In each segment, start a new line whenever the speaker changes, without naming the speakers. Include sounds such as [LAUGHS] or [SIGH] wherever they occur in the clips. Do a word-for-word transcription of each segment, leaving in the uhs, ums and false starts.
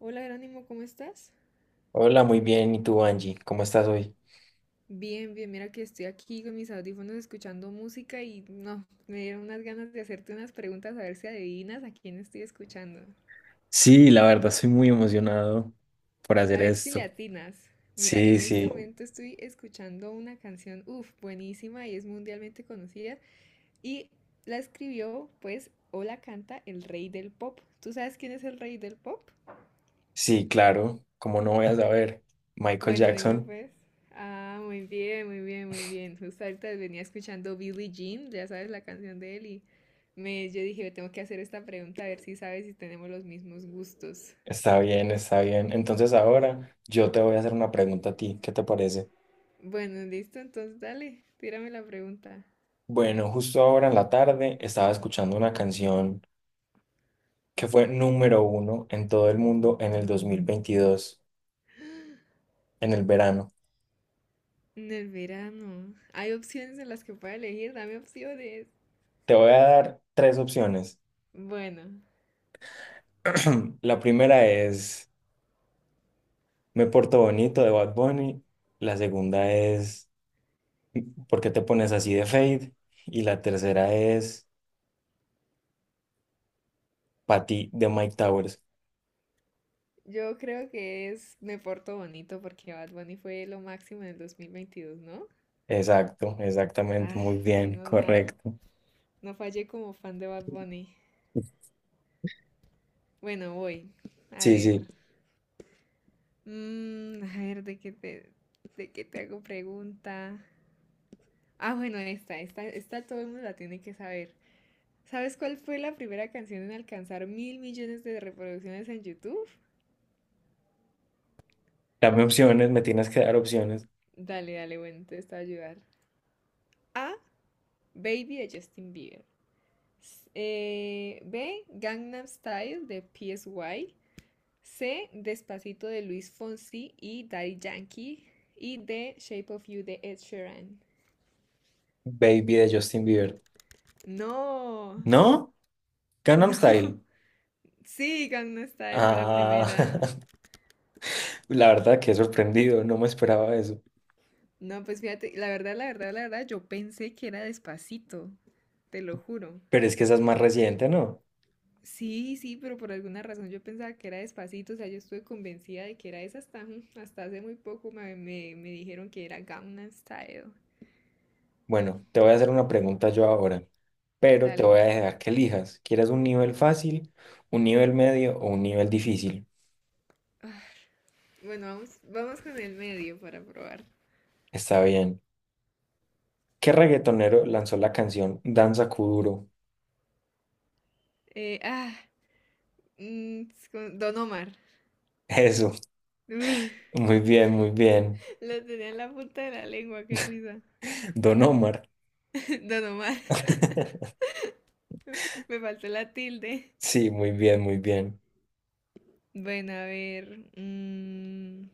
Hola Jerónimo, ¿cómo estás?
Hola, muy bien. ¿Y tú, Angie? ¿Cómo estás hoy?
Bien, bien, mira que estoy aquí con mis audífonos escuchando música y no, me dieron unas ganas de hacerte unas preguntas a ver si adivinas a quién estoy escuchando.
Sí, la verdad, estoy muy emocionado por
A
hacer
ver si le
esto.
atinas. Mira,
Sí,
en este
sí,
momento estoy escuchando una canción, uff, buenísima y es mundialmente conocida y la escribió, pues, o la canta el rey del pop. ¿Tú sabes quién es el rey del pop?
sí, claro. ¿Cómo no voy a saber? Michael
Bueno, dime
Jackson.
pues. Ah, muy bien, muy bien, muy bien. Justo ahorita venía escuchando Billie Jean, ya sabes la canción de él, y me, yo dije, tengo que hacer esta pregunta a ver si sabes si tenemos los mismos gustos.
Está bien, está bien. Entonces ahora yo te voy a hacer una pregunta a ti. ¿Qué te parece?
Bueno, listo, entonces dale, tírame la pregunta.
Bueno, justo ahora en la tarde estaba escuchando una canción que fue número uno en todo el mundo en el dos mil veintidós en el verano.
En el verano, hay opciones en las que pueda elegir, dame opciones.
Te voy a dar tres opciones.
Bueno,
[CLEARS THROAT] La primera es Me porto bonito de Bad Bunny. La segunda es ¿Por qué te pones así de Fade? Y la tercera es Pa' ti de Mike Towers.
yo creo que es Me Porto Bonito porque Bad Bunny fue lo máximo en el dos mil veintidós, ¿no?
Exacto, exactamente,
Ah,
muy bien,
menos mal.
correcto.
No fallé como fan de Bad Bunny. Bueno, voy. A
Sí, sí.
ver. Mm, a ver, ¿de qué te, de qué te hago pregunta? Ah, bueno, esta, esta, esta todo el mundo la tiene que saber. ¿Sabes cuál fue la primera canción en alcanzar mil millones de reproducciones en YouTube?
Dame opciones, me tienes que dar opciones.
Dale, dale, bueno, entonces te está a ayudar. A. Baby de Justin Bieber. S- eh, B. Gangnam Style de P S Y. C. Despacito de Luis Fonsi y Daddy Yankee. Y D. Shape of You de Ed Sheeran.
Baby de Justin Bieber.
No,
¿No? Gangnam
no. [LAUGHS]
Style.
Sí, Gangnam Style fue la
Ah,
primera.
[LAUGHS] la verdad que he sorprendido, no me esperaba eso.
No, pues fíjate, la verdad, la verdad, la verdad, yo pensé que era Despacito, te lo juro.
Pero es que esa es más reciente, ¿no?
Sí, sí, pero por alguna razón yo pensaba que era Despacito, o sea, yo estuve convencida de que era esa hasta, hasta hace muy poco me, me- me dijeron que era Gangnam Style.
Bueno, te voy a hacer una pregunta yo ahora, pero te voy
Dale.
a dejar que elijas. ¿Quieres un nivel fácil, un nivel medio o un nivel difícil?
Bueno, vamos, vamos con el medio para probar.
Está bien. ¿Qué reggaetonero lanzó la canción Danza Kuduro?
Eh, ah, mm, con Don Omar.
[LAUGHS] Eso,
Uf,
muy bien, muy bien.
lo tenía en la punta de la lengua, qué risa.
Don Omar.
[LAUGHS] Don Omar.
[LAUGHS]
Me faltó la tilde.
Sí, muy bien, muy bien.
Bueno, a ver. mm,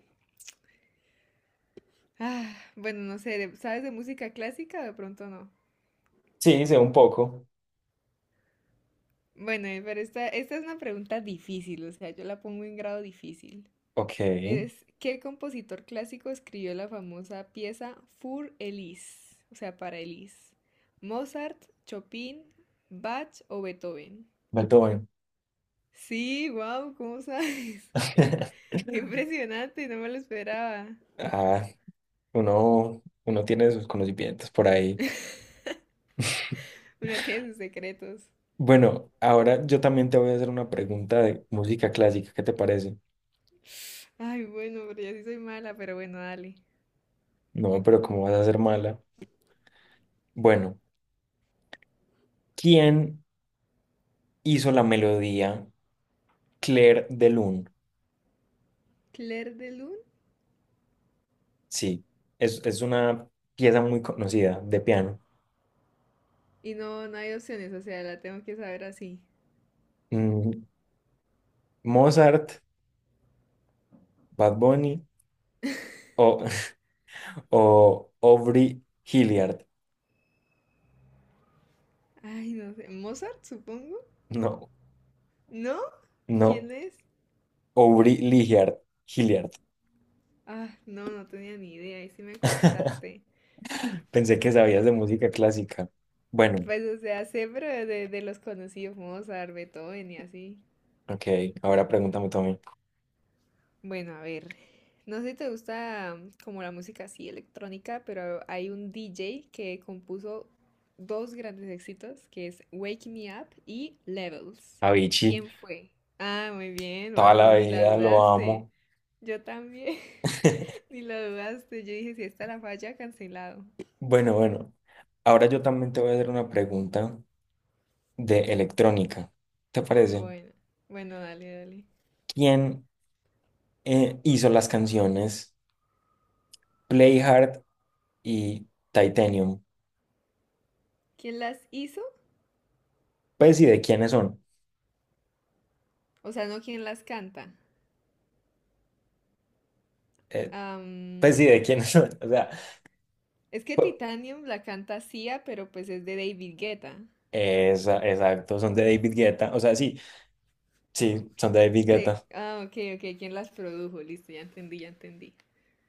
ah, bueno, no sé, de- ¿sabes de música clásica? De pronto no.
Sí, sé un poco.
Bueno, eh, pero esta, esta es una pregunta difícil, o sea, yo la pongo en grado difícil.
Ok,
Es, ¿qué compositor clásico escribió la famosa pieza Für Elise? O sea, para Elise. ¿Mozart, Chopin, Bach o Beethoven?
Beethoven.
Sí, wow, ¿cómo sabes? [LAUGHS] Qué
[LAUGHS]
impresionante, no me lo esperaba.
Ah, uno, uno tiene sus conocimientos por ahí. [LAUGHS]
Una tiene sus secretos.
Bueno, ahora yo también te voy a hacer una pregunta de música clásica, ¿qué te parece?
Ay, bueno, pero yo sí soy mala, pero bueno, dale.
No, pero ¿cómo vas a ser mala? Bueno, ¿quién hizo la melodía Clair de Lune?
Claire de Lune.
Sí, es, es una pieza muy conocida de piano.
Y no, no hay opciones, o sea, la tengo que saber así.
Mm, ¿Mozart, Bad Bunny o, [LAUGHS] o Aubrey Hilliard?
Ay, no sé. ¿Mozart, supongo?
No,
¿No?
no,
¿Quién es?
Aubrey Hilliard, Hilliard.
Ah, no, no tenía ni idea, ahí sí me
[LAUGHS]
corchaste.
Pensé que sabías de música clásica. Bueno,
Pues, o sea, sé, pero de, de los conocidos, Mozart, Beethoven y así.
ok, ahora pregúntame tú.
Bueno, a ver, no sé si te gusta mm, como la música así electrónica, pero hay un D J que compuso dos grandes éxitos, que es Wake Me Up y Levels.
Avicii,
¿Quién fue? Ah, muy bien,
toda
wow, no,
la
ni la
vida lo
dudaste.
amo.
Yo también,
[LAUGHS]
[LAUGHS] ni la dudaste. Yo dije, si está la falla, cancelado.
Bueno, bueno, ahora yo también te voy a hacer una pregunta de electrónica. ¿Te parece?
Bueno, bueno, dale, dale.
¿Quién eh, hizo las canciones Play Hard y Titanium?
¿Quién las hizo?
Pues y de quiénes son.
O sea, no quién las canta.
Eh,
Am,
pues y de quiénes son. [LAUGHS] O sea,
es que
pu-
Titanium la canta Sia, pero pues es de David Guetta.
esa- exacto, son de David Guetta. O sea, sí, sí, son de David
Sí,
Guetta.
ah, ok, ok, ¿quién las produjo? Listo, ya entendí, ya entendí.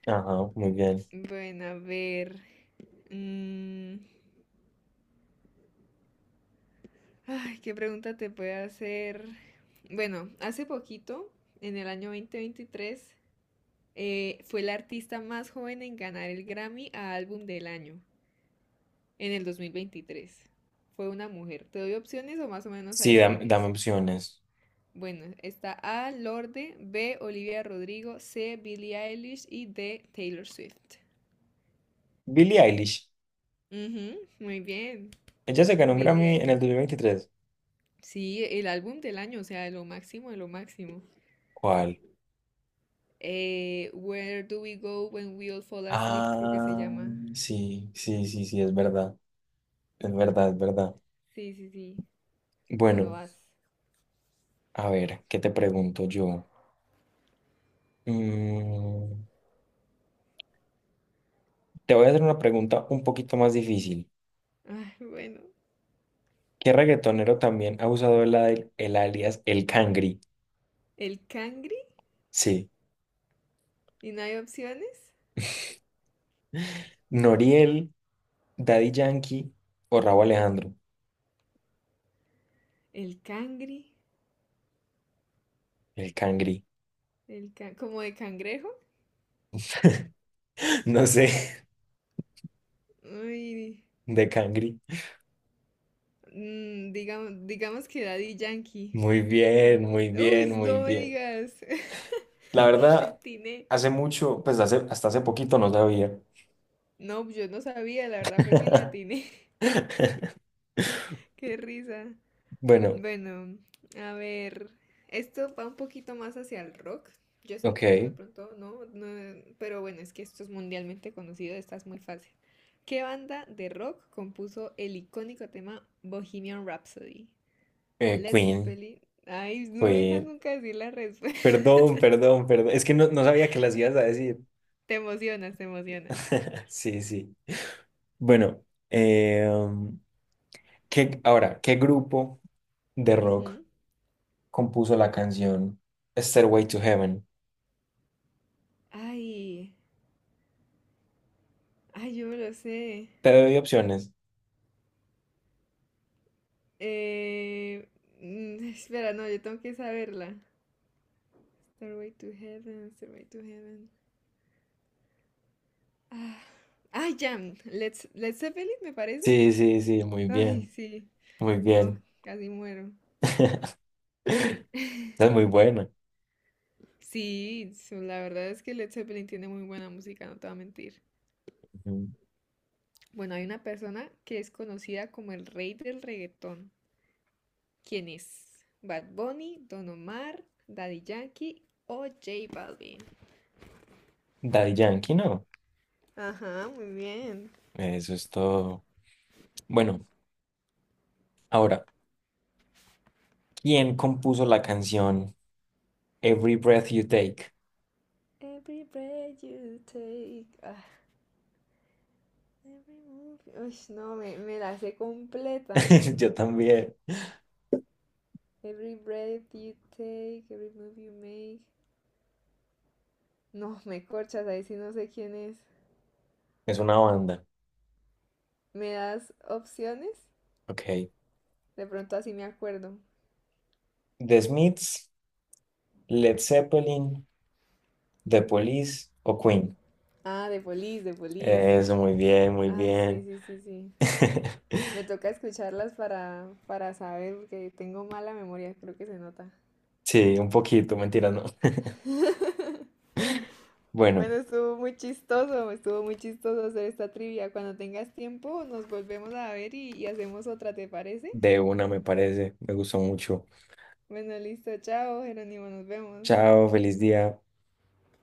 Ajá, muy
Mm,
bien.
Bueno, a ver. mm, ay, ¿qué pregunta te puede hacer? Bueno, hace poquito, en el año dos mil veintitrés, eh, fue la artista más joven en ganar el Grammy a Álbum del Año, en el dos mil veintitrés. Fue una mujer. ¿Te doy opciones o más o menos
Sí,
sabes
dam-
quién
dame,
es?
opciones.
Bueno, está A, Lorde, B, Olivia Rodrigo, C, Billie Eilish y D, Taylor Swift.
Billie Eilish.
Ujú, muy bien,
Ella se ganó un
Billie
Grammy en el
Eilish.
dos mil veintitrés.
Sí, el álbum del año, o sea, de lo máximo, de lo máximo.
¿Cuál?
Eh, Where Do We Go When We All Fall Asleep, creo que se
Ah,
llama.
sí, sí, sí, sí, es verdad, es verdad, es verdad.
Sí, sí, sí. Bueno,
Bueno,
vas.
a ver, ¿qué te pregunto yo? Mm, te voy a hacer una pregunta un poquito más difícil.
Ay, bueno.
¿Qué reggaetonero también ha usado el, al- el alias El Cangri?
El cangri,
Sí,
y no hay opciones.
Noriel, Daddy Yankee o Rauw Alejandro.
El cangri,
El Cangri,
el can- como de cangrejo.
[LAUGHS] no sé,
Uy,
[LAUGHS] de Cangri.
mm, digamos, digamos que Daddy Yankee.
Muy bien,
que-
muy bien,
uy,
muy
no me
bien.
digas [LAUGHS]
La
que la
verdad,
atiné.
hace mucho, pues hace, hasta hace poquito no sabía.
No, pues, yo no sabía, la verdad fue que le
[LAUGHS]
atiné. [LAUGHS] Qué risa.
Bueno,
Bueno, a ver, esto va un poquito más hacia el rock. Yo sé que tú de
ok.
pronto no, no, pero bueno, es que esto es mundialmente conocido, esta es muy fácil. ¿Qué banda de rock compuso el icónico tema Bohemian Rhapsody?
eh,
Led
Queen,
Zeppelin. Ay, no me dejas
Queen.
nunca decir la respuesta. [LAUGHS]
Perdón, perdón, perdón. Es que no, no sabía que las ibas a decir.
Te emocionas, te emocionas.
[LAUGHS] Sí, sí. Bueno, eh, um, ¿qué- ahora, ¿qué grupo de rock
Ujú.
compuso la canción Stairway to Heaven?
Ay, ay, yo me lo sé.
Te doy opciones.
Eh, mm, [LAUGHS] espera, no, yo tengo que saberla. Stairway to Heaven, Stairway to Heaven. Ah, ah, ya. Let's, Let's Zeppelin, me parece.
Sí, sí, sí, muy
Ay,
bien,
sí.
muy
No,
bien.
casi muero.
[LAUGHS] Esa es muy buena.
Sí, so- la verdad es que Led Zeppelin tiene muy buena música, no te voy a mentir.
Ujú.
Bueno, hay una persona que es conocida como el rey del reggaetón. ¿Quién es? Bad Bunny, Don Omar, Daddy Yankee o J Balvin.
Daddy Yankee, ¿no?
Ajá, muy bien.
Eso es todo. Bueno, ahora. ¿Quién compuso la canción Every Breath You Take?
Every breath you take. ah, every move. Uy, no, me, me la sé completa.
[LAUGHS] Yo también.
Every breath you take, every move you make. No, me corchas, ahí sí no sé quién es.
Es una banda.
¿Me das opciones?
Ok.
De pronto así me acuerdo.
The Smiths, Led Zeppelin, The Police o Queen.
Ah, de Police, de Police.
Eso, muy bien, muy
Ah, sí,
bien.
sí, sí, sí. Me
[LAUGHS]
toca escucharlas para, para saber, porque tengo mala memoria, creo que se nota.
Sí, un poquito, mentira, no. [LAUGHS] Bueno,
Bueno, estuvo muy chistoso, estuvo muy chistoso hacer esta trivia. Cuando tengas tiempo, nos volvemos a ver y, y hacemos otra, ¿te parece?
de una me parece. Me gustó mucho.
Bueno, listo, chao, Jerónimo, nos vemos.
Chao, feliz día.